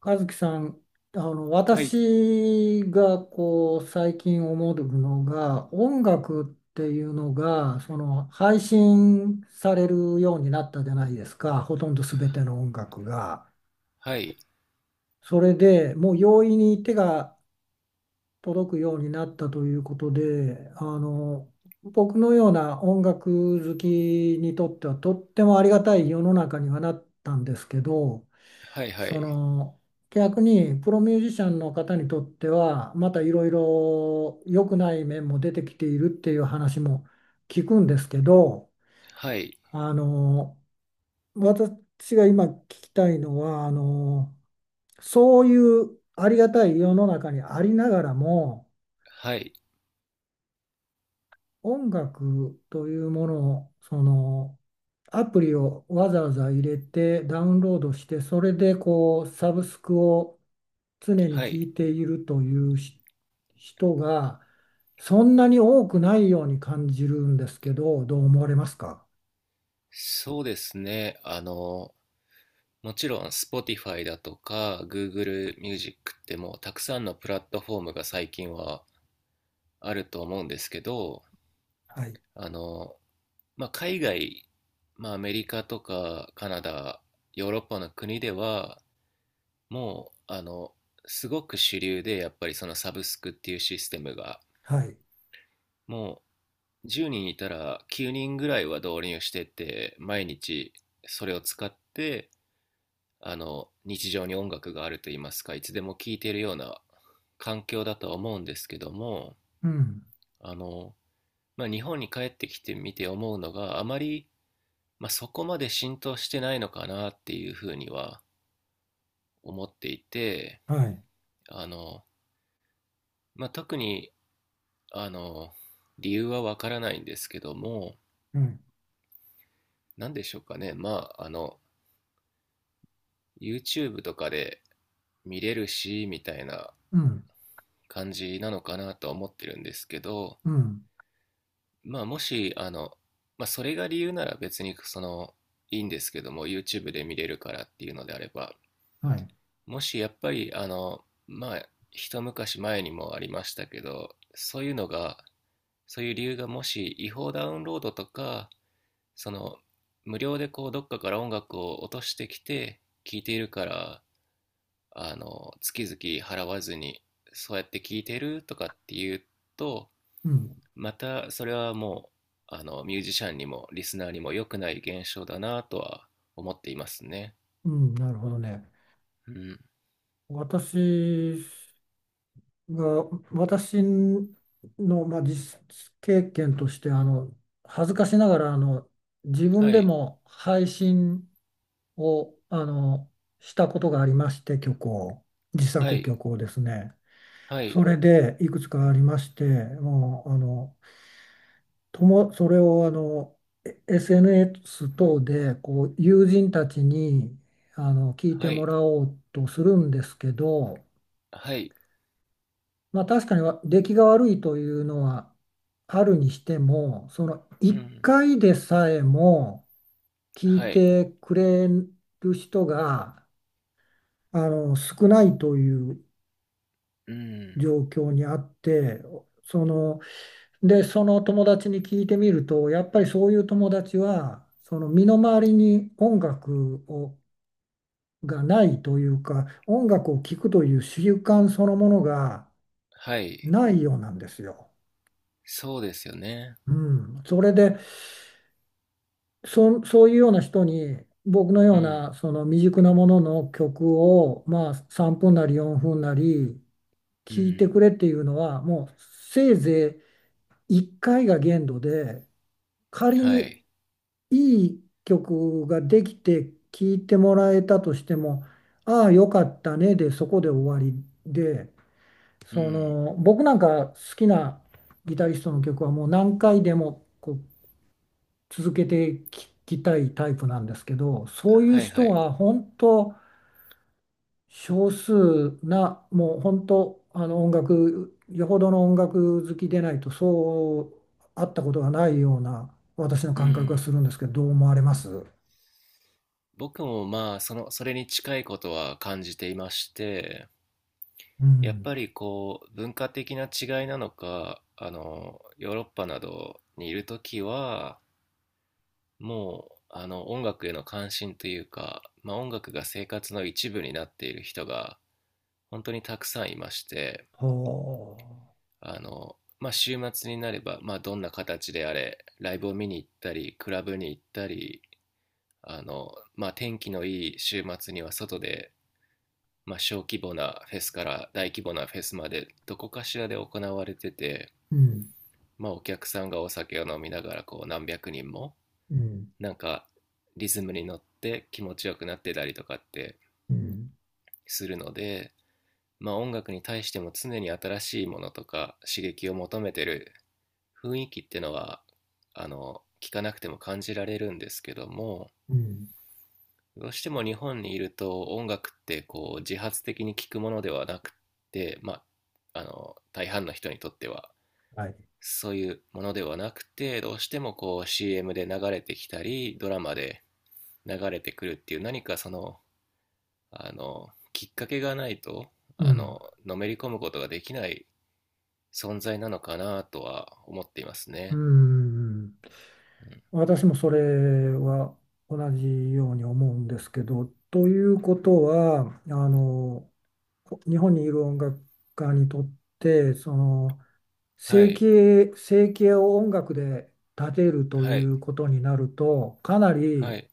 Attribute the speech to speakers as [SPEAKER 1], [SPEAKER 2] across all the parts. [SPEAKER 1] 和樹さん、
[SPEAKER 2] はい、
[SPEAKER 1] 私がこう最近思うのが音楽っていうのがその配信されるようになったじゃないですか、ほとんど全ての音楽が。
[SPEAKER 2] はい、
[SPEAKER 1] それでもう容易に手が届くようになったということで、僕のような音楽好きにとってはとってもありがたい世の中にはなったんですけど。
[SPEAKER 2] はい、は
[SPEAKER 1] そ
[SPEAKER 2] い、
[SPEAKER 1] の逆にプロミュージシャンの方にとってはまたいろいろ良くない面も出てきているっていう話も聞くんですけど、
[SPEAKER 2] はい、
[SPEAKER 1] あの私が今聞きたいのは、そういうありがたい世の中にありながらも
[SPEAKER 2] はい、
[SPEAKER 1] 音楽というものを、アプリをわざわざ入れてダウンロードして、それでこうサブスクを常に
[SPEAKER 2] は
[SPEAKER 1] 聴
[SPEAKER 2] い。
[SPEAKER 1] いているというし人がそんなに多くないように感じるんですけど、どう思われますか？
[SPEAKER 2] そうですね。もちろん Spotify だとか Google Music ってもうたくさんのプラットフォームが最近はあると思うんですけど、
[SPEAKER 1] はい、
[SPEAKER 2] あの、まあ、海外、まあ、アメリカとかカナダ、ヨーロッパの国ではもう、すごく主流でやっぱりそのサブスクっていうシステムが
[SPEAKER 1] はい、
[SPEAKER 2] も10人いたら9人ぐらいは導入してって毎日それを使って、日常に音楽があると言いますか、いつでも聴いているような環境だとは思うんですけども、
[SPEAKER 1] うん、
[SPEAKER 2] あの、まあ、日本に帰ってきてみて思うのがあまり、まあ、そこまで浸透してないのかなっていうふうには思っていて、
[SPEAKER 1] はい、
[SPEAKER 2] あの、まあ、特にあの理由はわからないんですけども、
[SPEAKER 1] うん、
[SPEAKER 2] 何でしょうかね、まあYouTube とかで見れるしみたいな
[SPEAKER 1] うん、
[SPEAKER 2] 感じなのかなとは思ってるんですけど、
[SPEAKER 1] うん、
[SPEAKER 2] まあ、もしまあ、それが理由なら別にそのいいんですけども、 YouTube で見れるからっていうのであれば、
[SPEAKER 1] はい、
[SPEAKER 2] もしやっぱりまあ一昔前にもありましたけど、そういうのが、そういう理由がもし違法ダウンロードとか、その無料でこうどっかから音楽を落としてきて聴いているから、月々払わずに、そうやって聞いてるとかって言うと、
[SPEAKER 1] うん、
[SPEAKER 2] またそれはもう、ミュージシャンにもリスナーにも良くない現象だなとは思っていますね。
[SPEAKER 1] うん、なるほどね。
[SPEAKER 2] うん。
[SPEAKER 1] 私が私の、まあ、実経験として、恥ずかしながら自
[SPEAKER 2] は
[SPEAKER 1] 分で
[SPEAKER 2] い、
[SPEAKER 1] も配信をしたことがありまして、曲を、自
[SPEAKER 2] は
[SPEAKER 1] 作
[SPEAKER 2] い、
[SPEAKER 1] 曲をですね、
[SPEAKER 2] は
[SPEAKER 1] そ
[SPEAKER 2] い、
[SPEAKER 1] れでいくつかありまして、もうあのともそれをあのえ SNS 等でこう友人たちに聞いて
[SPEAKER 2] は
[SPEAKER 1] も
[SPEAKER 2] い、
[SPEAKER 1] らおうとするんですけど、
[SPEAKER 2] はい、
[SPEAKER 1] まあ確かにわ出来が悪いというのはあるにしても、その
[SPEAKER 2] う
[SPEAKER 1] 1
[SPEAKER 2] ん、
[SPEAKER 1] 回でさえも聞い
[SPEAKER 2] はい、
[SPEAKER 1] てくれる人が少ないという
[SPEAKER 2] うん、
[SPEAKER 1] 状況にあって、その、その友達に聞いてみると、やっぱりそういう友達は、その身の回りに音楽をがないというか、音楽を聴くという習慣そのものが
[SPEAKER 2] はい、
[SPEAKER 1] ないようなんですよ。
[SPEAKER 2] そうですよね。
[SPEAKER 1] うん、それで、そう、そういうような人に僕の
[SPEAKER 2] う
[SPEAKER 1] よう
[SPEAKER 2] ん、
[SPEAKER 1] なその未熟なものの曲をまあ3分なり4分なり
[SPEAKER 2] う
[SPEAKER 1] 聞いて
[SPEAKER 2] ん、
[SPEAKER 1] くれっていうのはもうせいぜい1回が限度で、仮
[SPEAKER 2] は
[SPEAKER 1] に
[SPEAKER 2] い、
[SPEAKER 1] いい曲ができて聞いてもらえたとしてもああよかったねでそこで終わりで、
[SPEAKER 2] う
[SPEAKER 1] そ
[SPEAKER 2] ん、
[SPEAKER 1] の僕なんか好きなギタリストの曲はもう何回でもこう続けて聞きたいタイプなんですけど、そういう
[SPEAKER 2] はい、は
[SPEAKER 1] 人
[SPEAKER 2] い、
[SPEAKER 1] は本当少数な、もう本当音楽、よほどの音楽好きでないとそう会ったことがないような私の
[SPEAKER 2] う
[SPEAKER 1] 感覚が
[SPEAKER 2] ん。
[SPEAKER 1] するんですけど、どう思われます？
[SPEAKER 2] 僕もまあ、その、それに近いことは感じていまして、
[SPEAKER 1] う
[SPEAKER 2] やっ
[SPEAKER 1] ん。
[SPEAKER 2] ぱりこう文化的な違いなのか、ヨーロッパなどにいるときはもう、音楽への関心というか、まあ、音楽が生活の一部になっている人が本当にたくさんいまして、
[SPEAKER 1] はあ。
[SPEAKER 2] あの、まあ、週末になれば、まあ、どんな形であれライブを見に行ったりクラブに行ったり、まあ、天気のいい週末には外で、まあ、小規模なフェスから大規模なフェスまでどこかしらで行われてて。
[SPEAKER 1] うん。
[SPEAKER 2] まあ、お客さんがお酒を飲みながら、こう何百人も
[SPEAKER 1] うん。
[SPEAKER 2] なんかリズムに乗って気持ちよくなってたりとかって
[SPEAKER 1] うん。
[SPEAKER 2] するので、まあ、音楽に対しても常に新しいものとか刺激を求めてる雰囲気っていうのは、聞かなくても感じられるんですけども、
[SPEAKER 1] うん。
[SPEAKER 2] どうしても日本にいると音楽ってこう自発的に聴くものではなくて、まあ、大半の人にとっては
[SPEAKER 1] はい。
[SPEAKER 2] そういうものではなくて、どうしてもこう CM で流れてきたり、ドラマで流れてくるっていう何かその、きっかけがないと、
[SPEAKER 1] う
[SPEAKER 2] あ
[SPEAKER 1] ん。
[SPEAKER 2] の、のめり込むことができない存在なのかなとは思っています
[SPEAKER 1] う
[SPEAKER 2] ね。
[SPEAKER 1] ん。
[SPEAKER 2] うん、
[SPEAKER 1] 私もそれは同じように思うんですけど、ということは、あの、日本にいる音楽家にとって、
[SPEAKER 2] は
[SPEAKER 1] 生
[SPEAKER 2] い、
[SPEAKER 1] 計、生計を音楽で立てると
[SPEAKER 2] は
[SPEAKER 1] い
[SPEAKER 2] い、
[SPEAKER 1] うことになると、かな
[SPEAKER 2] は
[SPEAKER 1] り
[SPEAKER 2] い。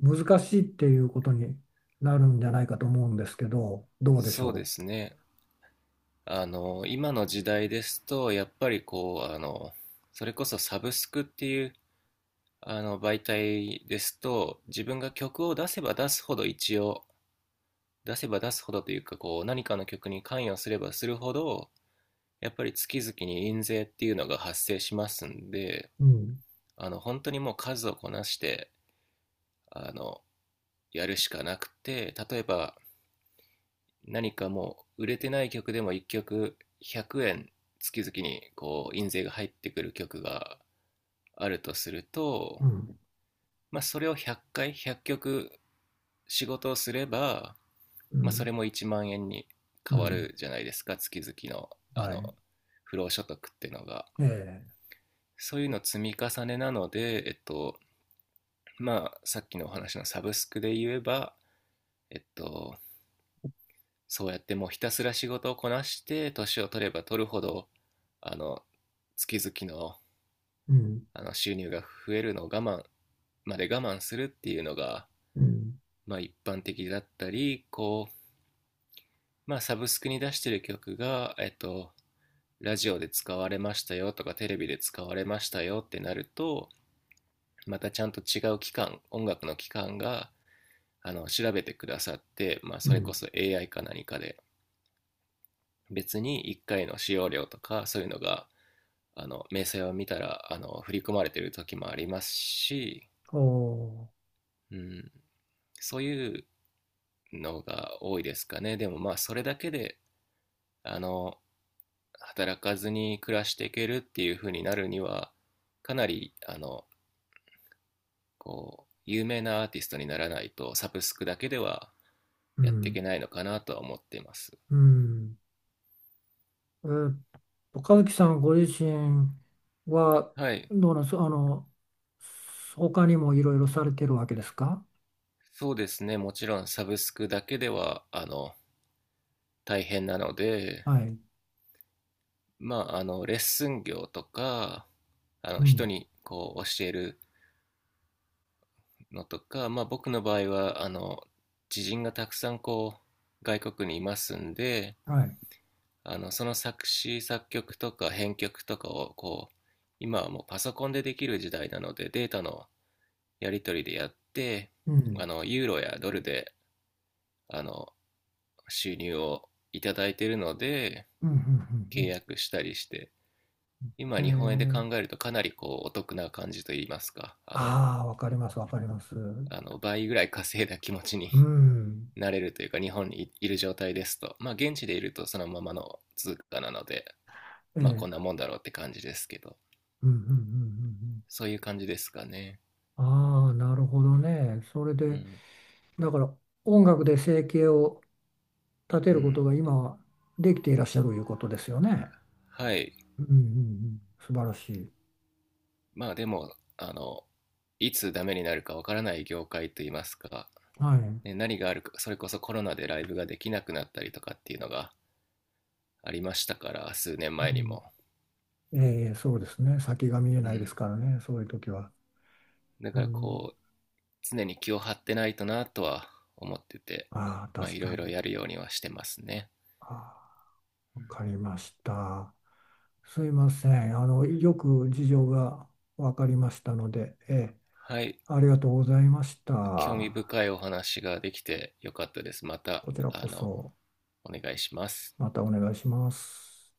[SPEAKER 1] 難しいっていうことになるんじゃないかと思うんですけど、どうでし
[SPEAKER 2] そうで
[SPEAKER 1] ょ
[SPEAKER 2] すね。今の時代ですと、やっぱりこう、それこそサブスクっていう、媒体ですと、自分が曲を出せば出すほど一応、出せば出すほどというかこう何かの曲に関与すればするほどやっぱり月々に印税っていうのが発生しますんで、
[SPEAKER 1] う？うん、
[SPEAKER 2] 本当にもう数をこなして、あのやるしかなくて、例えば何かもう売れてない曲でも1曲100円月々にこう印税が入ってくる曲があるとする
[SPEAKER 1] う
[SPEAKER 2] と、
[SPEAKER 1] ん、
[SPEAKER 2] まあ、それを100回100曲仕事をすれば、
[SPEAKER 1] う
[SPEAKER 2] まあ、それ
[SPEAKER 1] ん、
[SPEAKER 2] も1万円に
[SPEAKER 1] う
[SPEAKER 2] 変わ
[SPEAKER 1] ん、
[SPEAKER 2] るじゃないですか、月々の
[SPEAKER 1] はい。
[SPEAKER 2] 不労所得っていうのが。
[SPEAKER 1] ええ、
[SPEAKER 2] そういうの積み重ねなので、まあ、さっきのお話のサブスクで言えば、えっと、そうやってもうひたすら仕事をこなして年を取れば取るほど、あの月々の
[SPEAKER 1] うん、
[SPEAKER 2] 収入が増えるのを我慢、まで我慢するっていうのが、
[SPEAKER 1] うん、
[SPEAKER 2] まあ、一般的だったり、こう、まあ、サブスクに出してる曲が、ラジオで使われましたよとかテレビで使われましたよってなると、またちゃんと違う機関、音楽の機関が調べてくださって、まあ、
[SPEAKER 1] う
[SPEAKER 2] それ
[SPEAKER 1] ん。
[SPEAKER 2] こそ AI か何かで別に1回の使用料とかそういうのが明細を見たら振り込まれてる時もありますし、
[SPEAKER 1] お
[SPEAKER 2] うん、そういうのが多いですかね。でもまあそれだけであの働かずに暮らしていけるっていう風になるには、かなりこう、有名なアーティストにならないと、サブスクだけでは
[SPEAKER 1] ー、う
[SPEAKER 2] やっていけ
[SPEAKER 1] ん、
[SPEAKER 2] ないのかなとは思っています。
[SPEAKER 1] うん。えーっ和樹さんご自身は、
[SPEAKER 2] はい。
[SPEAKER 1] どうなんですか、あの、他にもいろいろされてるわけですか？
[SPEAKER 2] そうですね。もちろんサブスクだけでは、大変なので、
[SPEAKER 1] はい。
[SPEAKER 2] まあ、レッスン業とか、
[SPEAKER 1] う
[SPEAKER 2] 人
[SPEAKER 1] ん。
[SPEAKER 2] にこう教えるのとか、まあ僕の場合は、知人がたくさんこう、外国にいますんで、
[SPEAKER 1] はい。
[SPEAKER 2] その作詞、作曲とか編曲とかをこう、今はもうパソコンでできる時代なのでデータのやり取りでやって、
[SPEAKER 1] うん。
[SPEAKER 2] ユーロやドルで、あの収入をいただいているので、
[SPEAKER 1] うん。うん。う
[SPEAKER 2] 契
[SPEAKER 1] ん、
[SPEAKER 2] 約したりして、今
[SPEAKER 1] う
[SPEAKER 2] 日本円で
[SPEAKER 1] ん、へ
[SPEAKER 2] 考え
[SPEAKER 1] え。
[SPEAKER 2] るとかなりこうお得な感じといいますか、
[SPEAKER 1] ああ、わかります、わかります。う
[SPEAKER 2] あの倍ぐらい稼いだ気持ちに
[SPEAKER 1] ん。
[SPEAKER 2] なれるというか、日本にいる状態ですと、まあ現地でいるとそのままの通貨なので、まあ
[SPEAKER 1] え
[SPEAKER 2] こんな
[SPEAKER 1] え。
[SPEAKER 2] もんだろうって感じですけど、
[SPEAKER 1] うん。うん。うん。うん、
[SPEAKER 2] そういう感じですかね。
[SPEAKER 1] ああ、なるほどね。それ
[SPEAKER 2] う
[SPEAKER 1] で、
[SPEAKER 2] ん。
[SPEAKER 1] だから音楽で生計を立て
[SPEAKER 2] う
[SPEAKER 1] るこ
[SPEAKER 2] ん。
[SPEAKER 1] とが今はできていらっしゃるということですよね。
[SPEAKER 2] はい。
[SPEAKER 1] うん。うん。うん、素晴らしい。
[SPEAKER 2] まあでも、いつダメになるかわからない業界といいますか
[SPEAKER 1] はい。
[SPEAKER 2] ね、何があるか、それこそコロナでライブができなくなったりとかっていうのがありましたから、数年
[SPEAKER 1] う
[SPEAKER 2] 前に
[SPEAKER 1] ん、
[SPEAKER 2] も。
[SPEAKER 1] ええ、そうですね。先が見え
[SPEAKER 2] う
[SPEAKER 1] ないで
[SPEAKER 2] ん。
[SPEAKER 1] すからね、そういう時は。
[SPEAKER 2] だ
[SPEAKER 1] う
[SPEAKER 2] から
[SPEAKER 1] ん。
[SPEAKER 2] こう、常に気を張ってないとなとは思ってて、
[SPEAKER 1] ああ、
[SPEAKER 2] まあ
[SPEAKER 1] 確
[SPEAKER 2] いろ
[SPEAKER 1] か
[SPEAKER 2] い
[SPEAKER 1] に。
[SPEAKER 2] ろやるようにはしてますね。
[SPEAKER 1] あ
[SPEAKER 2] う
[SPEAKER 1] あ、わ
[SPEAKER 2] ん、
[SPEAKER 1] かりました。すいません。あの、よく事情がわかりましたので、ええ、
[SPEAKER 2] はい。
[SPEAKER 1] ありがとうございまし
[SPEAKER 2] 興味
[SPEAKER 1] た。
[SPEAKER 2] 深いお話ができてよかったです。また、
[SPEAKER 1] こちらこそ、
[SPEAKER 2] お願いします。
[SPEAKER 1] またお願いします。